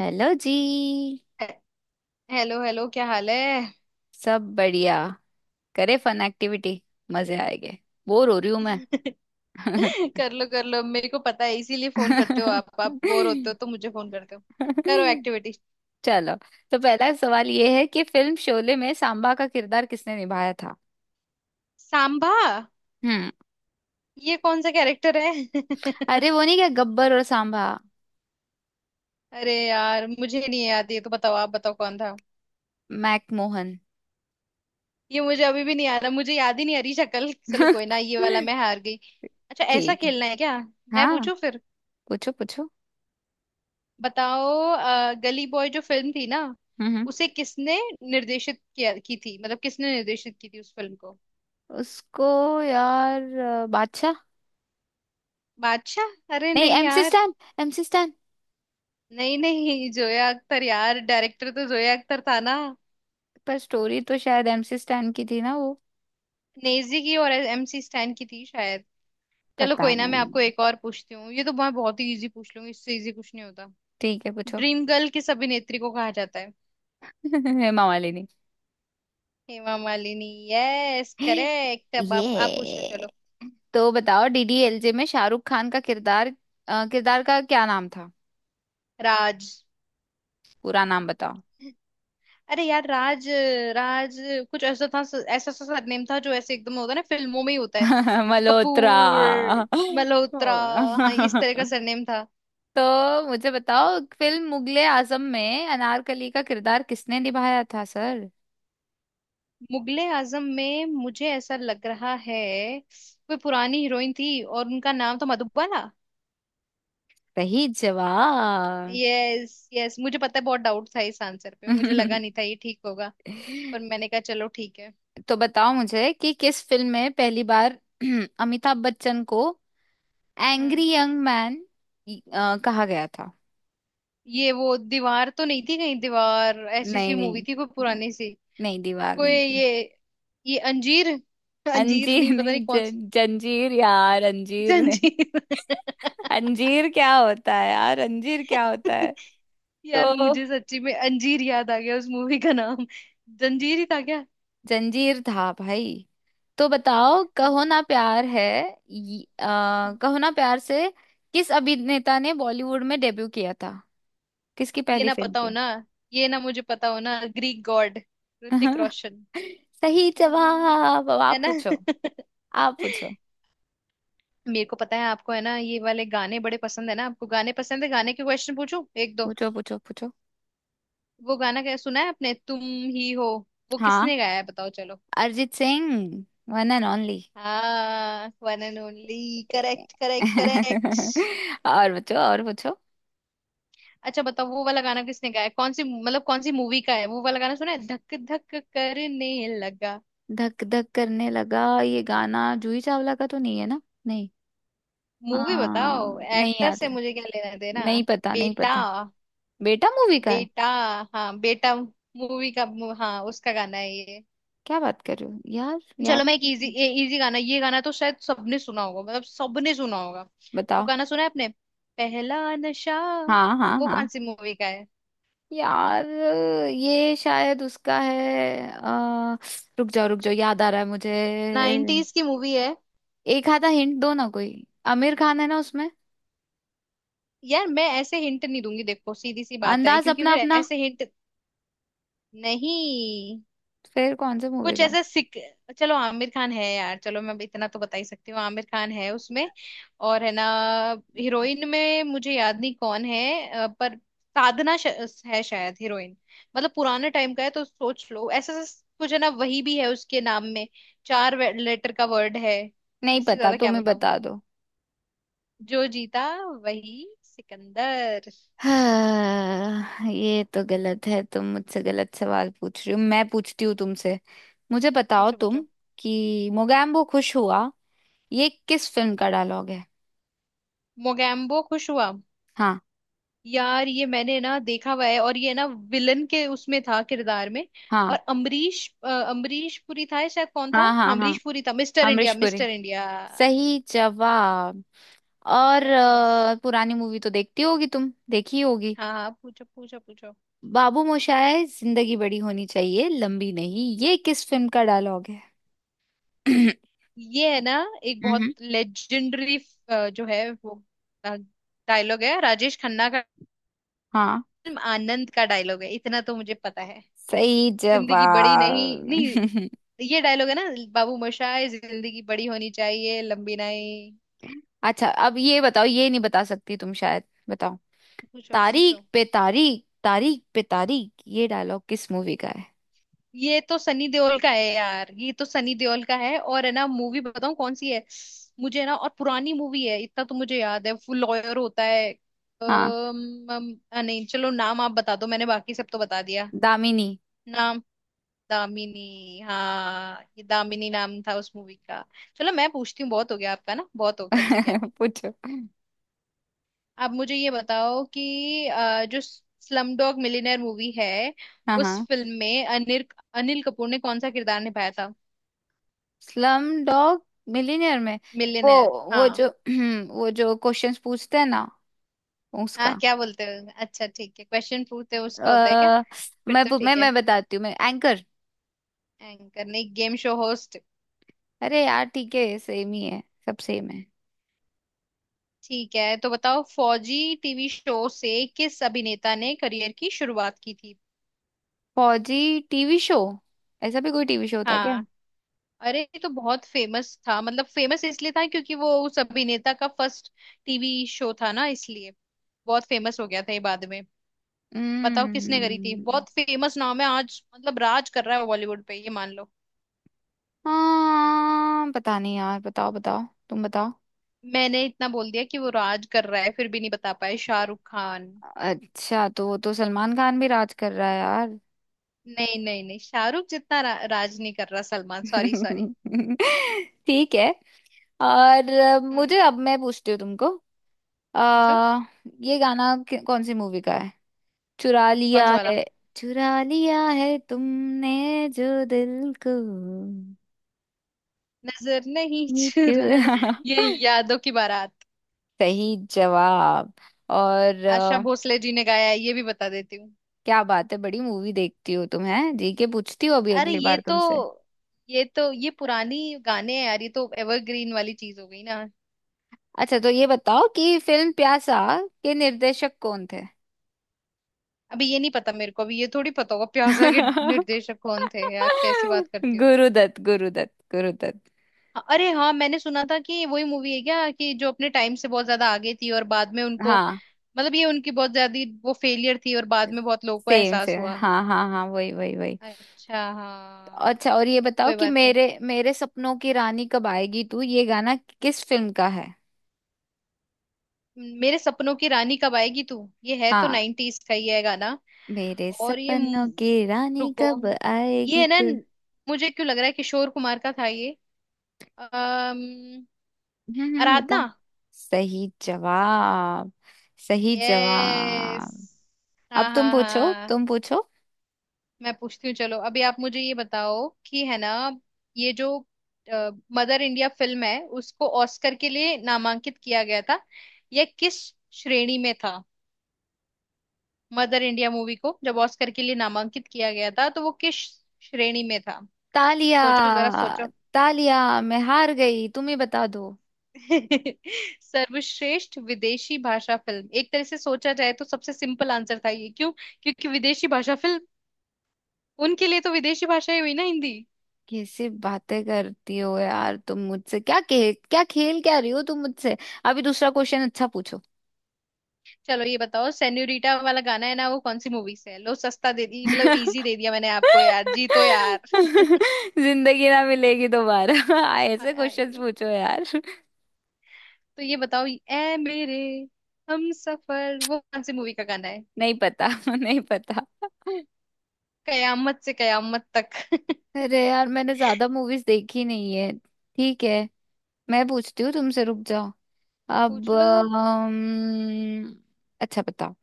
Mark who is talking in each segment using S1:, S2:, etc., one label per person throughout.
S1: Hello ji.
S2: हे- hello hello, क्या हाल है?
S1: सब बढ़िया। करे फन एक्टिविटी। मजे आएंगे। बोर हो रही हूं मैं।
S2: कर लो कर लो, मेरे को पता है इसीलिए फोन करते हो। आप बोर होते हो तो मुझे फोन करते हो। करो एक्टिविटी।
S1: चलो, तो पहला सवाल ये है कि फिल्म शोले में सांबा का किरदार किसने निभाया था।
S2: सांभा।
S1: हम्म।
S2: ये कौन सा कैरेक्टर है?
S1: अरे वो नहीं, क्या गब्बर और सांबा।
S2: अरे यार, मुझे नहीं याद, ये तो बताओ, आप बताओ कौन था।
S1: मैकमोहन।
S2: ये मुझे अभी भी नहीं आ रहा, मुझे याद ही नहीं आ रही शक्ल। चलो कोई ना, ये वाला मैं हार गई। अच्छा ऐसा
S1: ठीक है।
S2: खेलना है क्या? मैं
S1: हाँ,
S2: पूछू फिर।
S1: पूछो पूछो।
S2: बताओ। गली बॉय जो फिल्म थी ना,
S1: हम्म हम्म।
S2: उसे किसने निर्देशित किया की थी, मतलब किसने निर्देशित की थी उस फिल्म को?
S1: उसको, यार बादशाह।
S2: बादशाह? अरे
S1: नहीं,
S2: नहीं
S1: एमसी
S2: यार।
S1: स्टैन। MC Stan.
S2: नहीं नहीं, जोया अख्तर यार, डायरेक्टर तो जोया अख्तर था ना।
S1: पर स्टोरी तो शायद एमसी स्टैन की थी ना वो।
S2: नेजी की और एमसी स्टैन की थी शायद। चलो
S1: पता
S2: कोई ना, मैं
S1: नहीं।
S2: आपको एक और पूछती हूँ। ये तो मैं बहुत ही इजी पूछ लूंगी, इससे इजी कुछ नहीं होता।
S1: ठीक है पूछो।
S2: ड्रीम गर्ल किस अभिनेत्री को कहा जाता है?
S1: हेमा मालिनी।
S2: हेमा मालिनी। Yes, correct. अब आप पूछो
S1: ये,
S2: चलो।
S1: तो बताओ डीडीएलजे में शाहरुख खान का किरदार, किरदार का क्या नाम था।
S2: राज।
S1: पूरा नाम बताओ।
S2: अरे यार, राज राज कुछ ऐसा था। ऐसा सा सरनेम था जो ऐसे एकदम होता है ना, फिल्मों में ही होता है। जैसे
S1: मल्होत्रा।
S2: कपूर, मल्होत्रा। हाँ, इस तरह का सरनेम था।
S1: तो मुझे बताओ फिल्म मुगले आजम में अनारकली का किरदार किसने निभाया था सर।
S2: मुगले आजम में मुझे ऐसा लग रहा है, कोई पुरानी हीरोइन थी और उनका नाम था मधुबाला।
S1: सही जवाब।
S2: यस यस, मुझे पता है। बहुत डाउट था इस आंसर पे, मुझे लगा नहीं था ये ठीक होगा, पर मैंने कहा चलो ठीक है।
S1: तो बताओ मुझे कि किस फिल्म में पहली बार अमिताभ बच्चन को
S2: हम्म।
S1: एंग्री यंग मैन कहा गया था।
S2: ये वो दीवार तो नहीं थी कहीं, दीवार ऐसी सी
S1: नहीं
S2: मूवी
S1: नहीं।
S2: थी कोई पुरानी सी।
S1: नहीं दीवार
S2: कोई
S1: नहीं थी।
S2: ये अंजीर। अंजीर
S1: अंजीर
S2: नहीं, पता
S1: नहीं
S2: नहीं कौन सा।
S1: जंजीर, यार अंजीर नहीं।
S2: जंजीर।
S1: अंजीर क्या होता है यार, अंजीर क्या होता है।
S2: यार
S1: तो
S2: मुझे सच्ची में अंजीर याद आ गया उस मूवी का नाम। जंजीर ही था क्या?
S1: जंजीर था भाई। तो बताओ
S2: हाँ तो,
S1: कहो ना प्यार है। कहो ना प्यार से किस अभिनेता ने बॉलीवुड में डेब्यू किया था। किसकी
S2: ये
S1: पहली
S2: ना
S1: फिल्म
S2: पता हो
S1: थी।
S2: ना, ये ना मुझे पता हो ना, ग्रीक गॉड ऋतिक रोशन।
S1: सही
S2: क्या हो
S1: जवाब, अब
S2: है
S1: आप
S2: ना।
S1: पूछो। आप पूछो।
S2: मेरे को पता है आपको है ना, ये वाले गाने बड़े पसंद है ना आपको, गाने पसंद है, गाने के क्वेश्चन पूछूं एक दो।
S1: पूछो पूछो पूछो।
S2: वो गाना क्या सुना है आपने, तुम ही हो, वो
S1: हाँ,
S2: किसने गाया है बताओ चलो।
S1: Arijit Singh. One and only.
S2: हाँ, one and only, correct correct correct.
S1: और पूछो और पूछो।
S2: अच्छा बताओ वो वाला गाना किसने गाया है? कौन सी, मतलब कौन सी मूवी का है वो वाला गाना, सुना है, धक धक करने लगा।
S1: धक धक करने लगा, ये गाना जूही चावला का तो नहीं है ना। नहीं।
S2: मूवी
S1: हाँ,
S2: बताओ,
S1: नहीं
S2: एक्टर
S1: याद
S2: से
S1: है।
S2: मुझे क्या लेना देना।
S1: नहीं पता, नहीं
S2: बेटा।
S1: पता। बेटा मूवी का है।
S2: बेटा। हाँ बेटा मूवी का। हाँ, उसका गाना है ये।
S1: क्या बात कर रहे हो यार। याद
S2: चलो मैं एक इजी,
S1: नहीं।
S2: इजी गाना, ये गाना तो शायद सबने सुना होगा, मतलब सबने सुना होगा। वो
S1: बताओ।
S2: गाना सुना है आपने, पहला नशा,
S1: हाँ हाँ
S2: वो कौन
S1: हाँ।
S2: सी मूवी का है?
S1: यार ये शायद उसका है, रुक जाओ रुक जाओ, याद आ रहा है मुझे।
S2: नाइनटीज की मूवी है।
S1: एक आधा हिंट दो ना कोई। आमिर खान है ना उसमें।
S2: यार मैं ऐसे हिंट नहीं दूंगी, देखो सीधी सी बात है
S1: अंदाज
S2: क्योंकि
S1: अपना
S2: फिर
S1: अपना।
S2: ऐसे हिंट नहीं,
S1: फिर कौन से मूवी
S2: कुछ
S1: का।
S2: ऐसा सिक। चलो आमिर खान है यार, चलो मैं इतना तो बता ही सकती हूँ, आमिर खान है उसमें। और है ना, हीरोइन में मुझे याद नहीं कौन है। पर साधना श... है शायद हीरोइन। मतलब पुराने टाइम का है तो सोच लो। ऐसा ऐसा कुछ है ना वही भी है उसके नाम में। चार लेटर का वर्ड है।
S1: नहीं
S2: इससे
S1: पता,
S2: ज्यादा क्या
S1: तुम ही
S2: बताऊं?
S1: बता दो।
S2: जो जीता वही सिकंदर।
S1: हाँ, ये तो गलत है। तुम मुझसे गलत सवाल पूछ रही हो। मैं पूछती हूँ तुमसे। मुझे बताओ
S2: पूछो
S1: तुम
S2: पूछो।
S1: कि मोगैम्बो खुश हुआ, ये किस फिल्म का डायलॉग है।
S2: मोगैम्बो खुश हुआ।
S1: हाँ।
S2: यार ये मैंने ना देखा हुआ है, और ये ना विलन के उसमें था किरदार में। और
S1: हाँ
S2: अमरीश पुरी था, या शायद कौन था,
S1: हाँ
S2: हाँ,
S1: हाँ। हाँ,
S2: अमरीश पुरी था। Mister
S1: Amrish
S2: India,
S1: Puri.
S2: Mister India.
S1: सही जवाब। और
S2: यस।
S1: पुरानी मूवी तो देखती होगी तुम, देखी होगी।
S2: हाँ हाँ, पूछो पूछो पूछो।
S1: बाबू मोशाय जिंदगी बड़ी होनी चाहिए लंबी नहीं, ये किस फिल्म का डायलॉग है।
S2: ये है ना एक बहुत
S1: हम्म।
S2: लेजेंडरी जो है, वो डायलॉग है राजेश खन्ना का।
S1: हाँ।
S2: फिल्म आनंद का डायलॉग है, इतना तो मुझे पता है।
S1: सही
S2: जिंदगी बड़ी नहीं, नहीं,
S1: जवाब।
S2: ये डायलॉग है ना, बाबू मोशाय जिंदगी बड़ी होनी चाहिए, लंबी नहीं।
S1: अच्छा अब ये बताओ, ये नहीं बता सकती तुम शायद। बताओ।
S2: पूछो
S1: तारीख
S2: पूछो।
S1: पे तारीख, तारीख पे तारीख, ये डायलॉग किस मूवी का है।
S2: ये तो सनी देओल का है यार, ये तो सनी देओल का है। और है ना, मूवी बताऊं कौन सी है, मुझे है ना, और पुरानी मूवी है, इतना तो मुझे याद है, वो लॉयर होता है।
S1: हाँ,
S2: अम, अम, आ, नहीं चलो नाम आप बता दो, मैंने बाकी सब तो बता दिया।
S1: दामिनी।
S2: नाम। दामिनी, हाँ ये दामिनी नाम था उस मूवी का। चलो मैं पूछती हूँ, बहुत हो गया आपका ना, बहुत हो गया, ठीक है।
S1: पूछो।
S2: अब मुझे ये बताओ कि जो स्लम डॉग मिलियनेयर मूवी है,
S1: हाँ
S2: उस
S1: हाँ।
S2: फिल्म में अनिल अनिल कपूर ने कौन सा किरदार निभाया था?
S1: स्लम डॉग मिलियनेयर में वो
S2: मिलियनेयर,
S1: वो
S2: हाँ।
S1: जो वो जो क्वेश्चंस पूछते हैं ना,
S2: हाँ
S1: उसका।
S2: क्या बोलते हो, अच्छा ठीक है, क्वेश्चन पूछते हो उसका होता है क्या?
S1: अ,
S2: फिर
S1: मैं
S2: तो
S1: मैं
S2: ठीक है।
S1: मैं बताती हूँ, मैं एंकर।
S2: एंकर नहीं, गेम शो होस्ट।
S1: अरे यार ठीक है, सेम ही है। सब सेम है।
S2: ठीक है तो बताओ, फौजी टीवी शो से किस अभिनेता ने करियर की शुरुआत की थी?
S1: फौजी टीवी शो, ऐसा भी कोई टीवी शो था क्या।
S2: हाँ। अरे ये तो बहुत फेमस था, मतलब फेमस इसलिए था क्योंकि वो उस अभिनेता का फर्स्ट टीवी शो था ना, इसलिए बहुत फेमस हो गया था ये बाद में। बताओ किसने करी थी,
S1: हम्म।
S2: बहुत फेमस नाम है आज, मतलब राज कर रहा है बॉलीवुड पे ये, मान लो।
S1: हाँ पता नहीं यार, बताओ बताओ। तुम बताओ।
S2: मैंने इतना बोल दिया कि वो राज कर रहा है फिर भी नहीं बता पाए, शाहरुख खान।
S1: अच्छा, तो वो तो सलमान खान भी राज कर रहा है यार।
S2: नहीं नहीं नहीं, शाहरुख जितना राज नहीं कर रहा सलमान, सॉरी सॉरी।
S1: ठीक है। और
S2: हम्म।
S1: मुझे, अब मैं पूछती हूँ तुमको।
S2: पूछो।
S1: आ, ये गाना कौन सी मूवी का है। चुरा
S2: कौन
S1: लिया
S2: सा वाला?
S1: है, चुरा लिया है तुमने जो दिल को।
S2: नजर नहीं
S1: ये
S2: चुराना।
S1: चुरा
S2: ये यादों की बारात।
S1: सही जवाब। और
S2: आशा भोसले जी ने गाया है ये भी बता देती हूँ।
S1: क्या बात है, बड़ी मूवी देखती हो तुम, है जी के पूछती हो। अभी
S2: अरे
S1: अगली
S2: ये
S1: बार
S2: तो
S1: तुमसे।
S2: ये तो ये पुरानी गाने हैं यार, ये तो एवरग्रीन वाली चीज हो गई ना।
S1: अच्छा, तो ये बताओ कि फिल्म प्यासा के निर्देशक कौन थे।
S2: अभी ये नहीं पता मेरे को, अभी ये थोड़ी पता होगा प्यासा के निर्देशक कौन थे, यार कैसी बात करती हो।
S1: गुरुदत्त, गुरुदत्त, गुरुदत्त।
S2: अरे हाँ, मैंने सुना था कि वही मूवी है क्या, कि जो अपने टाइम से बहुत ज्यादा आगे थी और बाद में उनको,
S1: हाँ,
S2: मतलब ये उनकी बहुत ज्यादा, वो फेलियर थी और बाद में बहुत लोगों को
S1: सेम
S2: एहसास
S1: सेम,
S2: हुआ।
S1: हाँ हाँ हाँ, वही वही वही।
S2: अच्छा हाँ।
S1: अच्छा और ये बताओ
S2: कोई
S1: कि
S2: बात नहीं।
S1: मेरे मेरे सपनों की रानी कब आएगी तू, ये गाना किस फिल्म का है।
S2: मेरे सपनों की रानी कब आएगी तू, ये है तो
S1: हाँ,
S2: नाइनटीज का ही है गाना।
S1: मेरे
S2: और ये
S1: सपनों की रानी
S2: रुको,
S1: कब
S2: ये
S1: आएगी
S2: है ना,
S1: तू।
S2: मुझे क्यों लग रहा है किशोर कुमार का था ये। अम,
S1: बता।
S2: आराधना।
S1: सही जवाब, सही
S2: यस,
S1: जवाब।
S2: हाँ
S1: अब तुम
S2: हाँ
S1: पूछो
S2: हाँ।
S1: तुम पूछो।
S2: मैं पूछती हूँ चलो। अभी आप मुझे ये बताओ कि है ना, ये जो मदर इंडिया फिल्म है, उसको ऑस्कर के लिए नामांकित किया गया था, यह किस श्रेणी में था? मदर इंडिया मूवी को जब ऑस्कर के लिए नामांकित किया गया था तो वो किस श्रेणी में था?
S1: तालिया।
S2: सोचो जरा सोचो।
S1: तालिया, मैं हार गई, तुम ही बता दो।
S2: सर्वश्रेष्ठ विदेशी भाषा फिल्म। एक तरह से सोचा जाए तो सबसे सिंपल आंसर था ये, क्यों? क्योंकि विदेशी भाषा फिल्म, उनके लिए तो विदेशी भाषा ही हुई ना हिंदी।
S1: कैसे बातें करती हो यार तुम मुझसे, क्या खेल क्या खेल क्या रही हो तुम मुझसे। अभी दूसरा क्वेश्चन अच्छा पूछो।
S2: चलो ये बताओ, सेन्यूरिटा वाला गाना है ना, वो कौन सी मूवी से है? लो सस्ता दे दी, मतलब इजी दे दिया मैंने आपको यार जी, तो यार
S1: जिंदगी ना मिलेगी दोबारा। ऐसे क्वेश्चंस
S2: आए।
S1: पूछो यार।
S2: तो ये बताओ, ए मेरे हम सफर, वो कौन सी मूवी का गाना है?
S1: नहीं पता, नहीं पता।
S2: कयामत से कयामत तक।
S1: अरे यार मैंने ज्यादा मूवीज देखी नहीं है। ठीक है। मैं पूछती हूँ तुमसे, रुक जाओ। अब
S2: पूछ लो तो।
S1: अच्छा बताओ,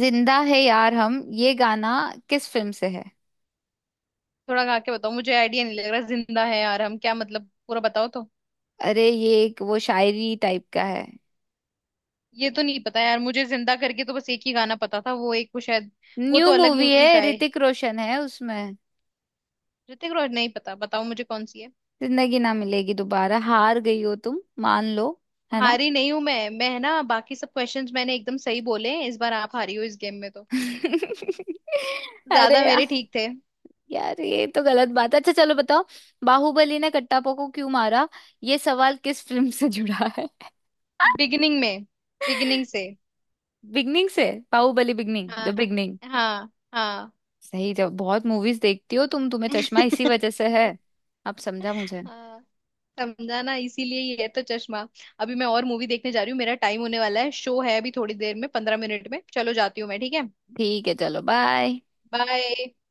S1: जिंदा है यार हम, ये गाना किस फिल्म से है।
S2: थोड़ा गा के बताओ, मुझे आइडिया नहीं लग रहा, जिंदा है यार हम, क्या मतलब, पूरा बताओ तो।
S1: अरे ये एक वो शायरी टाइप का है।
S2: ये तो नहीं पता यार मुझे, जिंदा करके तो बस एक ही गाना पता था, वो एक, वो शायद वो
S1: न्यू
S2: तो अलग
S1: मूवी
S2: मूवी
S1: है,
S2: का है।
S1: ऋतिक रोशन है उसमें।
S2: ऋतिक रोशन नहीं पता, बताओ मुझे कौन सी है।
S1: जिंदगी ना मिलेगी दोबारा। हार गई हो तुम, मान लो, है ना।
S2: हारी नहीं हूं मैं है ना, बाकी सब क्वेश्चंस मैंने एकदम सही बोले हैं। इस बार आप हारी हो इस गेम में तो,
S1: अरे
S2: ज्यादा
S1: यार।
S2: मेरे ठीक थे।
S1: यार ये तो गलत बात है। अच्छा चलो बताओ, बाहुबली ने कट्टापा को क्यों मारा, ये सवाल किस फिल्म से जुड़ा है।
S2: बिगिनिंग में, बिगिनिंग से।
S1: बिगनिंग से। बाहुबली बिगनिंग, द
S2: हाँ
S1: बिगनिंग।
S2: हाँ हाँ।
S1: सही जब बहुत मूवीज देखती हो तुम, तुम्हें चश्मा इसी वजह से है। अब समझा मुझे।
S2: हाँ, समझा ना, इसीलिए ये है तो चश्मा। अभी मैं और मूवी देखने जा रही हूँ, मेरा टाइम होने वाला है, शो है अभी थोड़ी देर में, 15 मिनट में, चलो जाती हूँ मैं, ठीक है।
S1: ठीक है चलो, बाय।
S2: बाय।